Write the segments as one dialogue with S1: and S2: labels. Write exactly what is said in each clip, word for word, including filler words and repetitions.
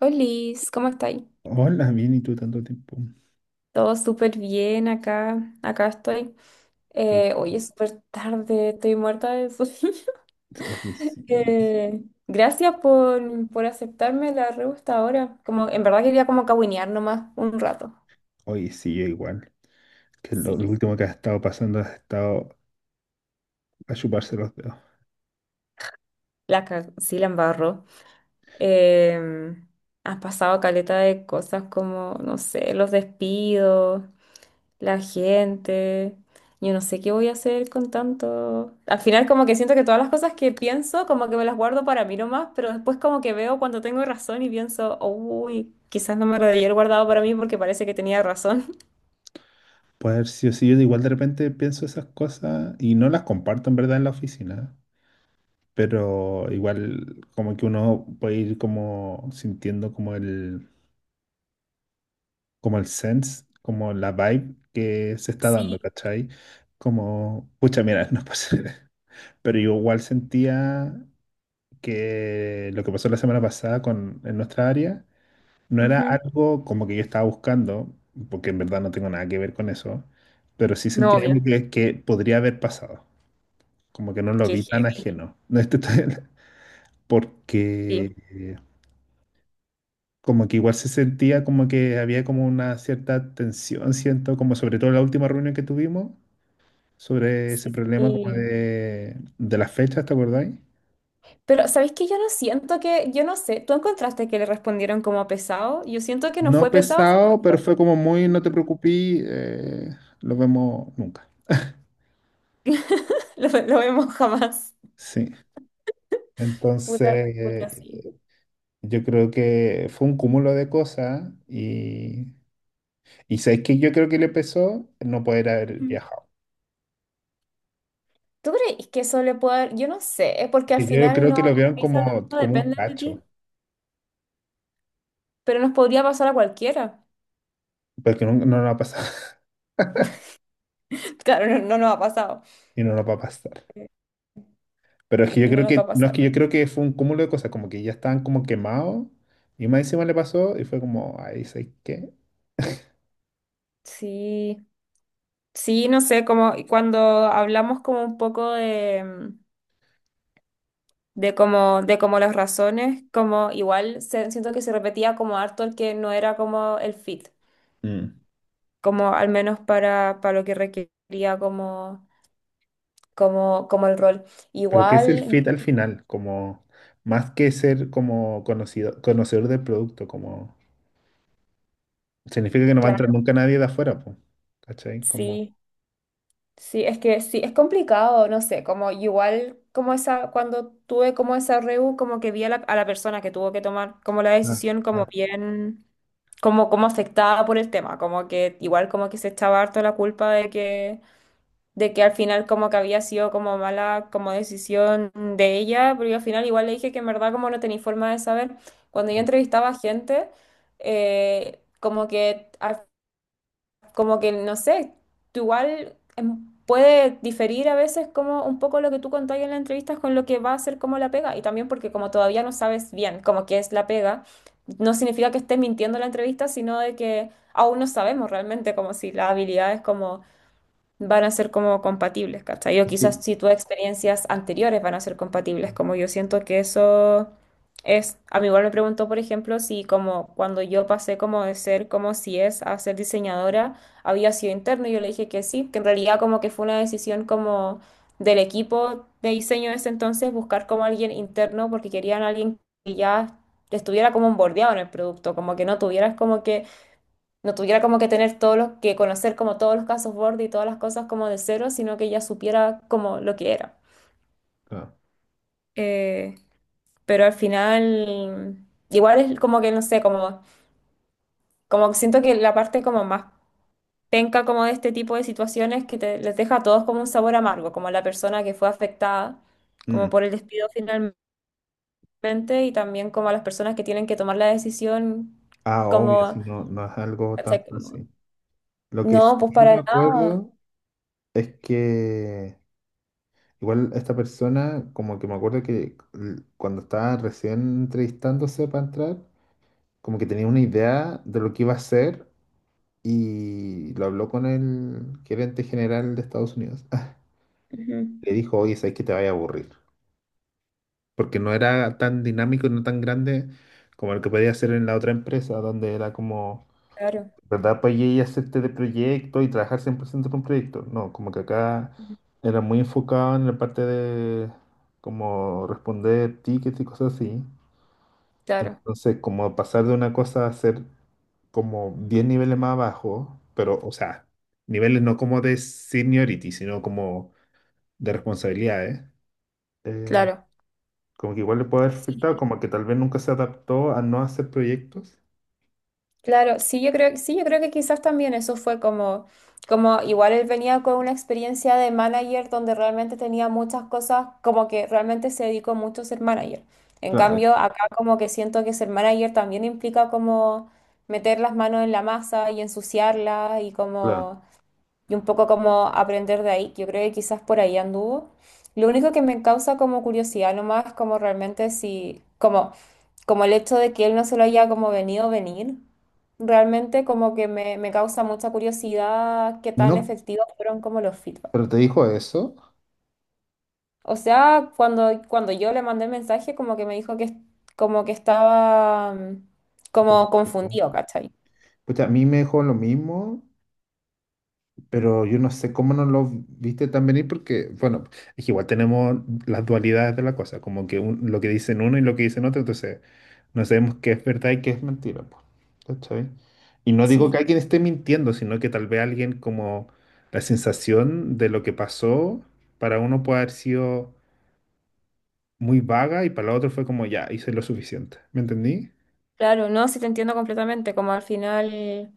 S1: Liz, ¿cómo estáis?
S2: Hola, bien, ¿y tú tanto tiempo?
S1: Todo súper bien acá, acá estoy.
S2: Que-
S1: Eh, hoy es súper tarde, estoy muerta de sueño.
S2: Oye, sí,
S1: Eh, gracias por, por aceptarme la re gusta ahora. Como, en verdad quería como cahuinear nomás un rato.
S2: oye, sí, yo igual. Que lo, lo
S1: Sí,
S2: último que ha estado pasando ha estado a chuparse los dedos.
S1: la, ca- sí la embarró. Eh, has pasado caleta de cosas como, no sé, los despidos. La gente. Yo no sé qué voy a hacer con tanto. Al final como que siento que todas las cosas que pienso como que me las guardo para mí nomás, pero después como que veo cuando tengo razón y pienso, uy, quizás no me lo debí haber guardado para mí porque parece que tenía razón.
S2: Puede haber sido así, yo igual de repente pienso esas cosas y no las comparto en verdad en la oficina, pero igual como que uno puede ir como sintiendo como el, como el sense, como la vibe que se está dando,
S1: Sí.
S2: ¿cachai? Como, pucha, mira, no pasa. Pero yo igual sentía que lo que pasó la semana pasada con, en nuestra área no era
S1: Ujú.
S2: algo como que yo estaba buscando, porque en verdad no tengo nada que ver con eso, pero sí
S1: No,
S2: sentía
S1: obvio,
S2: algo que, que podría haber pasado, como que no lo
S1: que
S2: vi tan
S1: sí.
S2: ajeno. No, esto está- Porque
S1: Sí.
S2: eh, como que igual se sentía como que había como una cierta tensión, siento, como sobre todo en la última reunión que tuvimos, sobre ese problema como
S1: Sí.
S2: de, de las fechas, ¿te acordáis?
S1: Pero, ¿sabéis que yo no siento que, yo no sé, ¿tú encontraste que le respondieron como pesado? Yo siento que no
S2: No
S1: fue pesado.
S2: pesado, pero fue como muy, no te preocupes, eh, lo vemos nunca.
S1: lo, lo vemos jamás.
S2: Sí.
S1: Puta,
S2: Entonces,
S1: puta,
S2: eh,
S1: sí.
S2: yo creo que fue un cúmulo de cosas, y, y ¿sabes qué? Yo creo que le pesó no poder haber viajado.
S1: ¿Tú crees que eso le puede dar? Yo no sé, porque al
S2: Y yo
S1: final
S2: creo
S1: no,
S2: que lo
S1: las
S2: vieron
S1: visas no
S2: como,
S1: no
S2: como un
S1: dependen de
S2: cacho,
S1: ti, pero nos podría pasar a cualquiera.
S2: porque no, no nos va a pasar,
S1: Claro, no, no nos ha pasado,
S2: y no nos va a pasar.
S1: eh,
S2: Pero es que yo
S1: y no
S2: creo
S1: nos va
S2: que,
S1: a
S2: no es que
S1: pasar.
S2: yo creo que fue un cúmulo de cosas, como que ya estaban como quemados y más encima le pasó y fue como, ay, ¿sabes qué?
S1: Sí, sí, no sé, como y cuando hablamos como un poco de, mm, de como, de como las razones, como igual se- siento que se repetía como harto el que no era como el fit,
S2: Mm.
S1: como al menos para, para lo que requería como, como, como el rol.
S2: Pero ¿qué es el
S1: Igual,
S2: fit al final? Como más que ser como conocido, conocedor del producto, como significa que no va a entrar
S1: claro,
S2: nunca nadie de afuera, pues. ¿Cachai? Como,
S1: sí. Sí, es que sí, es complicado, no sé, como igual como esa, cuando tuve como esa REU, como que vi a la, a la persona que tuvo que tomar como la
S2: ah,
S1: decisión como
S2: ah,
S1: bien, como, como afectada por el tema, como que igual como que se echaba harto la culpa de que, de que al final como que había sido como mala como decisión de ella, pero yo al final igual le dije que en verdad como no tenía forma de saber, cuando yo
S2: como
S1: entrevistaba a gente, eh, como que... al como que, no sé, tú igual em, puede diferir a veces como un poco lo que tú contáis en la entrevista con lo que va a ser como la pega. Y también porque como todavía no sabes bien como que es la pega, no significa que estés mintiendo en la entrevista, sino de que aún no sabemos realmente como si las habilidades como van a ser como compatibles, ¿cachai? O
S2: fit,
S1: quizás si tus experiencias anteriores van a ser compatibles, como yo siento que eso es, a mí igual me preguntó, por ejemplo, si como cuando yo pasé como de ser como si es a ser diseñadora, había sido interno, y yo le dije que sí, que en realidad como que fue una decisión como del equipo de diseño de ese entonces, buscar como alguien interno porque querían a alguien que ya estuviera como bordeado en el producto, como que no tuvieras como que no tuviera como que tener todos los, que conocer como todos los casos borde y todas las cosas como de cero, sino que ya supiera como lo que era.
S2: claro.
S1: Eh, pero al final, igual es como que no sé, como, como que siento que la parte como más penca como de este tipo de situaciones que te- les deja a todos como un sabor amargo, como a la persona que fue afectada
S2: Mm.
S1: como por el despido finalmente y también como a las personas que tienen que tomar la decisión
S2: Ah, obvio,
S1: como,
S2: si no, no es algo tan
S1: ¿cachai? Como,
S2: fácil. Lo que sí
S1: no, pues
S2: me
S1: para nada.
S2: acuerdo es que igual esta persona, como que me acuerdo que l- cuando estaba recién entrevistándose para entrar, como que tenía una idea de lo que iba a hacer y lo habló con el gerente general de Estados Unidos.
S1: Ujú.
S2: Le dijo, oye, sabes que te vaya a aburrir, porque no era tan dinámico y no tan grande como el que podía hacer en la otra empresa, donde era como,
S1: Claro.
S2: ¿verdad? Pues y hacerte de proyecto y trabajar cien por ciento con un proyecto. No, como que acá era muy enfocado en la parte de como responder tickets y cosas así.
S1: Claro.
S2: Entonces, como pasar de una cosa a hacer como diez niveles más abajo, pero, o sea, niveles no como de seniority, sino como de responsabilidades. eh,
S1: Claro.
S2: Como que igual le puede haber afectado, como que tal vez nunca se adaptó a no hacer proyectos.
S1: Claro, sí, yo creo, sí, yo creo que quizás también eso fue como, como igual él venía con una experiencia de manager donde realmente tenía muchas cosas, como que realmente se dedicó mucho a ser manager. En
S2: Claro,
S1: cambio,
S2: eso,
S1: acá como que siento que ser manager también implica como meter las manos en la masa y ensuciarla y
S2: claro.
S1: como y un poco como aprender de ahí, que yo creo que quizás por ahí anduvo. Lo único que me causa como curiosidad nomás, como realmente si, como, como el hecho de que él no se lo haya como venido a venir, realmente como que me, me causa mucha curiosidad qué tan
S2: No,
S1: efectivos fueron como los feedback.
S2: pero te dijo eso.
S1: O sea, cuando, cuando yo le mandé el mensaje, como que me dijo que es- como que estaba mm,
S2: Un poco
S1: como
S2: complicado.
S1: confundido, ¿cachai?
S2: Pucha, a mí me dejó lo mismo. Pero yo no sé cómo no lo viste tan venir porque, bueno, es que igual tenemos las dualidades de la cosa, como que un- lo que dicen uno y lo que dicen otro, entonces no sabemos qué es verdad y qué es mentira, po, ¿cachai? Y no digo que
S1: Sí.
S2: alguien esté mintiendo, sino que tal vez alguien como la sensación de lo que pasó para uno puede haber sido muy vaga y para la otro fue como ya, hice lo suficiente, ¿me entendí?
S1: Claro, no, sí te entiendo completamente, como al final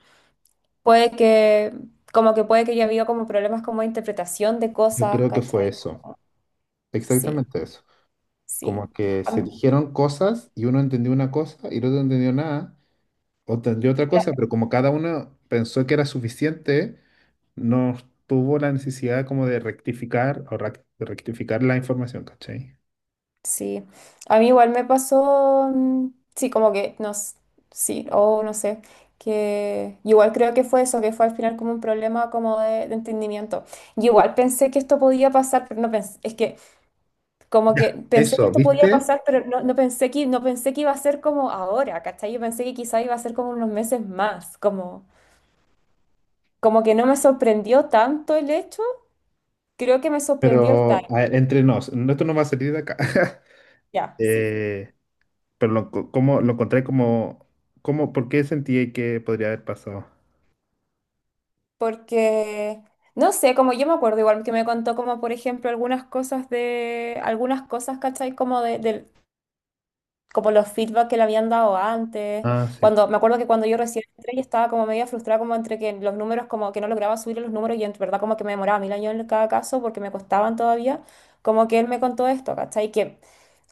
S1: puede que, como que puede que yo había como problemas como de interpretación de
S2: Yo
S1: cosas,
S2: creo que fue
S1: ¿cachai?
S2: eso,
S1: Como- Sí,
S2: exactamente eso. Como
S1: sí.
S2: que
S1: A
S2: se
S1: mí-
S2: dijeron cosas y uno entendió una cosa y el otro no entendió nada. Otra, de otra cosa,
S1: claro,
S2: pero como cada uno pensó que era suficiente, no tuvo la necesidad como de rectificar o rac- de rectificar la información, ¿cachai?
S1: sí. A mí igual me pasó, mm, sí, como que, no, s- sí, o no sé, que igual creo que fue eso, que fue al final como un problema como de, de entendimiento. Y igual pensé que esto podía pasar, pero no pensé, es que como
S2: Ya.
S1: que pensé que
S2: Eso,
S1: esto podía
S2: ¿viste?
S1: pasar, pero no, no pensé que, no pensé que iba a ser como ahora, ¿cachai? Yo pensé que quizá iba a ser como unos meses más, como... Como que no me sorprendió tanto el hecho, creo que me sorprendió el time,
S2: Pero a ver, entre nos, no, esto no va a salir de acá.
S1: ya, sí.
S2: Eh, pero lo, co- como, lo encontré como, como, ¿por qué sentí que podría haber pasado?
S1: Porque, no sé, como yo me acuerdo igual que me contó como, por ejemplo, algunas cosas de, algunas cosas, ¿cachai? Como de, del- como los feedback que le habían dado antes.
S2: Ah, sí.
S1: Cuando, me acuerdo que cuando yo recién entré y estaba como media frustrada como entre que los números, como que no lograba subir los números y en verdad como que me demoraba mil años en cada caso porque me costaban todavía, como que él me contó esto, ¿cachai? Que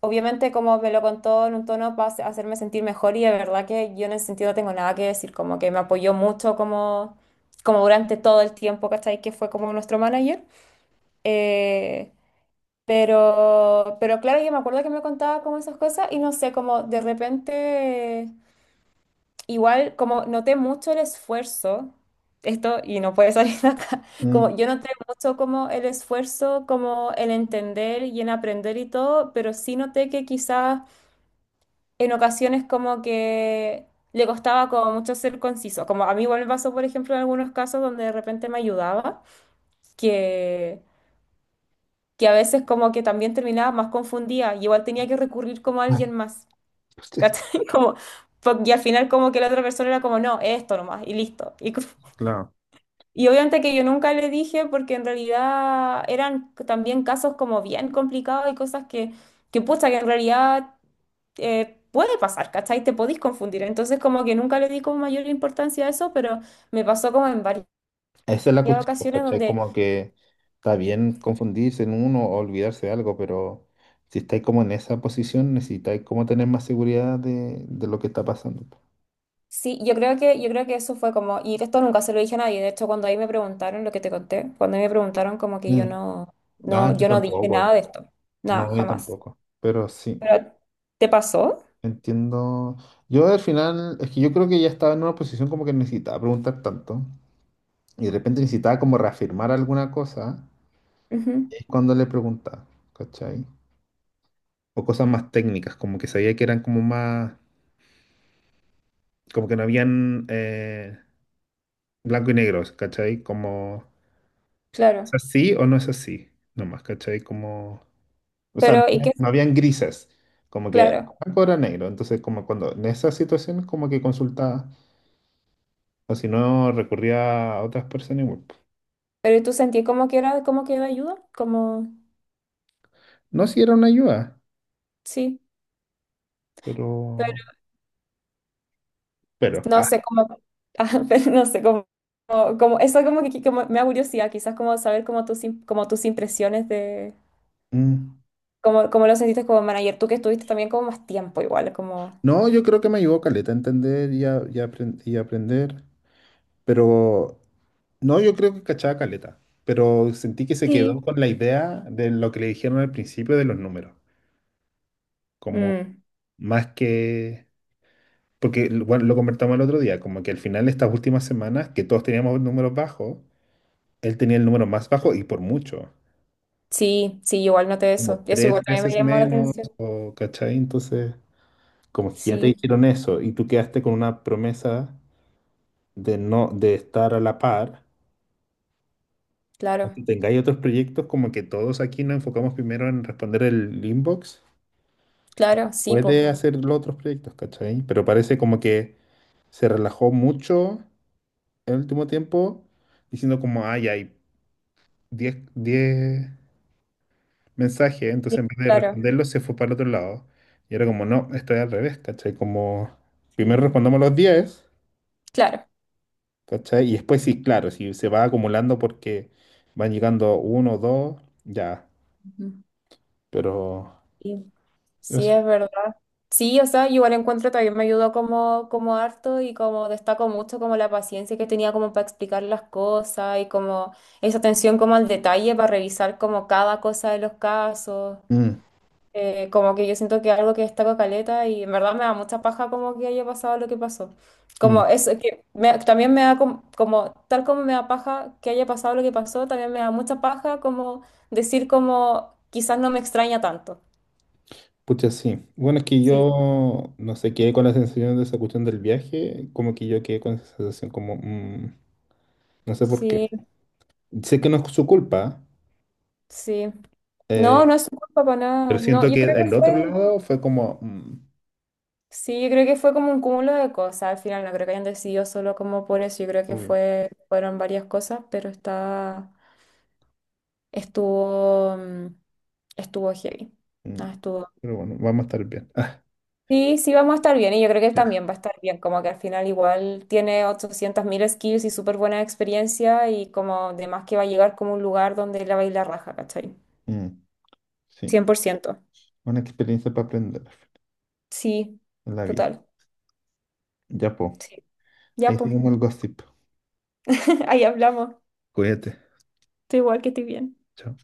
S1: obviamente como me lo contó en un tono para hacerme sentir mejor y de verdad que yo en ese sentido no tengo nada que decir, como que me apoyó mucho como, como durante todo el tiempo, ¿cachai? Que fue como nuestro manager. Eh, pero, pero claro, yo me acuerdo que me contaba como esas cosas y no sé, como de repente, igual como noté mucho el esfuerzo, esto y no puede salir de acá,
S2: Mm.
S1: como yo noté mucho como el esfuerzo, como el entender y en aprender y todo, pero sí noté que quizás en ocasiones como que le costaba como mucho ser conciso, como a mí igual me pasó, por ejemplo, en algunos casos donde de repente me ayudaba, que... que a veces como que también terminaba más confundida y igual tenía que recurrir como a
S2: Ah,
S1: alguien más,
S2: sí,
S1: ¿cachai? Como, po- y al final como que la otra persona era como, no, esto nomás, y listo. Y, co-
S2: claro.
S1: y obviamente que yo nunca le dije porque en realidad eran también casos como bien complicados y cosas que, que pucha, que en realidad eh, puede pasar, ¿cachai? Te podís confundir. Entonces como que nunca le di como mayor importancia a eso, pero me pasó como en varias
S2: Esa es la cuestión, pues,
S1: ocasiones
S2: ¿cachai?
S1: donde
S2: Como que está bien confundirse en uno o olvidarse de algo, pero si estáis como en esa posición, necesitáis como tener más seguridad de, de lo que está pasando, po.
S1: Sí, yo creo que, yo creo que eso fue como, y esto nunca se lo dije a nadie, de hecho cuando ahí me preguntaron lo que te conté, cuando ahí me preguntaron como que yo
S2: Mm.
S1: no, no,
S2: Ah, yo
S1: yo no dije nada
S2: tampoco,
S1: de esto, nada,
S2: no, yo
S1: jamás.
S2: tampoco, pero sí,
S1: Pero, ¿te pasó?
S2: entiendo. Yo al final, es que yo creo que ya estaba en una posición como que necesitaba preguntar tanto y de repente necesitaba como reafirmar alguna cosa,
S1: Ujú,
S2: es cuando le preguntaba, ¿cachai? O cosas más técnicas, como que sabía que eran como más, como que no habían, eh, blanco y negro, ¿cachai? Como, ¿es
S1: claro.
S2: así o no es así? Nomás, ¿cachai? Como, o sea, no
S1: Pero, ¿y qué?
S2: habían, no habían grises, como que
S1: Claro.
S2: blanco era negro, entonces como cuando en esas situaciones como que consultaba, o si no recurría a otras personas igual, po.
S1: Pero tú sentí como que era, como que era ayuda, como,
S2: No si era una ayuda,
S1: sí, pero
S2: pero, pero,
S1: no
S2: ah,
S1: sé cómo, ah, pero no sé cómo, como, como- eso como que como me da curiosidad, quizás como saber como tus, im- como tus impresiones de,
S2: mm.
S1: como, como lo sentiste como manager, tú que estuviste también como más tiempo igual, como...
S2: No, yo creo que me ayudó Caleta a entender y, a- y a apren- y a aprender. Pero no, yo creo que cachaba caleta, pero sentí que se quedó
S1: Sí.
S2: con la idea de lo que le dijeron al principio de los números, como
S1: Mm,
S2: más que, porque l- bueno, lo convertamos el otro día, como que al final estas últimas semanas, que todos teníamos números bajos, él tenía el número más bajo y por mucho,
S1: sí, sí, igual noté
S2: como
S1: eso. Eso igual
S2: tres
S1: también
S2: veces
S1: me llamó la
S2: menos,
S1: atención.
S2: o cachai, entonces, como que ya te
S1: Sí,
S2: dijeron eso y tú quedaste con una promesa de no, de estar a la par,
S1: claro,
S2: que tengáis otros proyectos, como que todos aquí nos enfocamos primero en responder el inbox,
S1: claro, sí, pues.
S2: puede hacer los otros proyectos, ¿cachai? Pero parece como que se relajó mucho el último tiempo, diciendo como, ay, hay diez diez mensajes, entonces en vez de
S1: Claro,
S2: responderlos se fue para el otro lado. Y era como, no, estoy al revés, ¿cachai? Como, primero
S1: sí,
S2: respondamos los diez,
S1: claro.
S2: ¿cachai? Y después sí, claro, si se va acumulando porque van llegando uno o dos, ya,
S1: Ujú.
S2: pero...
S1: Sí, sí,
S2: Eso.
S1: es verdad. Sí, o sea, igual encuentro también me ayudó como, como harto y como destaco mucho como la paciencia que tenía como para explicar las cosas y como esa atención como al detalle para revisar como cada cosa de los casos.
S2: Mm,
S1: Eh, como que yo siento que algo que destaco caleta y en verdad me da mucha paja como que haya pasado lo que pasó.
S2: mm.
S1: Como eso, que me- también me da com- como, tal como me da paja que haya pasado lo que pasó, también me da mucha paja como decir como quizás no me extraña tanto.
S2: Pucha, sí. Bueno, es que
S1: Sí.
S2: yo no sé, quedé con la sensación de esa cuestión del viaje, como que yo quedé con esa sensación como, mm, no sé por qué.
S1: Sí,
S2: Sé que no es su culpa,
S1: sí. No,
S2: eh,
S1: no es su culpa para
S2: pero
S1: nada. No,
S2: siento
S1: yo
S2: que
S1: creo
S2: el
S1: que fue,
S2: otro lado fue como, mm,
S1: sí, yo creo que fue como un cúmulo de cosas. Al final no creo que hayan decidido solo como por eso. Yo creo que
S2: obvio,
S1: fue, fueron varias cosas, pero está. Estuvo, mm, estuvo heavy.
S2: mm,
S1: Ah, estuvo.
S2: pero bueno, vamos a estar bien. Ah,
S1: Sí, sí vamos a estar bien y yo creo que él
S2: ya.
S1: también va a estar bien, como que al final igual tiene ochocientos mil skills y súper buena experiencia y como además que va a llegar como un lugar donde la baila raja, ¿cachai?
S2: Mm, sí,
S1: Cien por ciento.
S2: una experiencia para aprender
S1: Sí,
S2: en la vida.
S1: total.
S2: Ya, po.
S1: Sí. Ya,
S2: Ahí
S1: pues,
S2: seguimos el gossip.
S1: ahí hablamos.
S2: Cuídate.
S1: Estoy igual que estoy bien.
S2: Chao.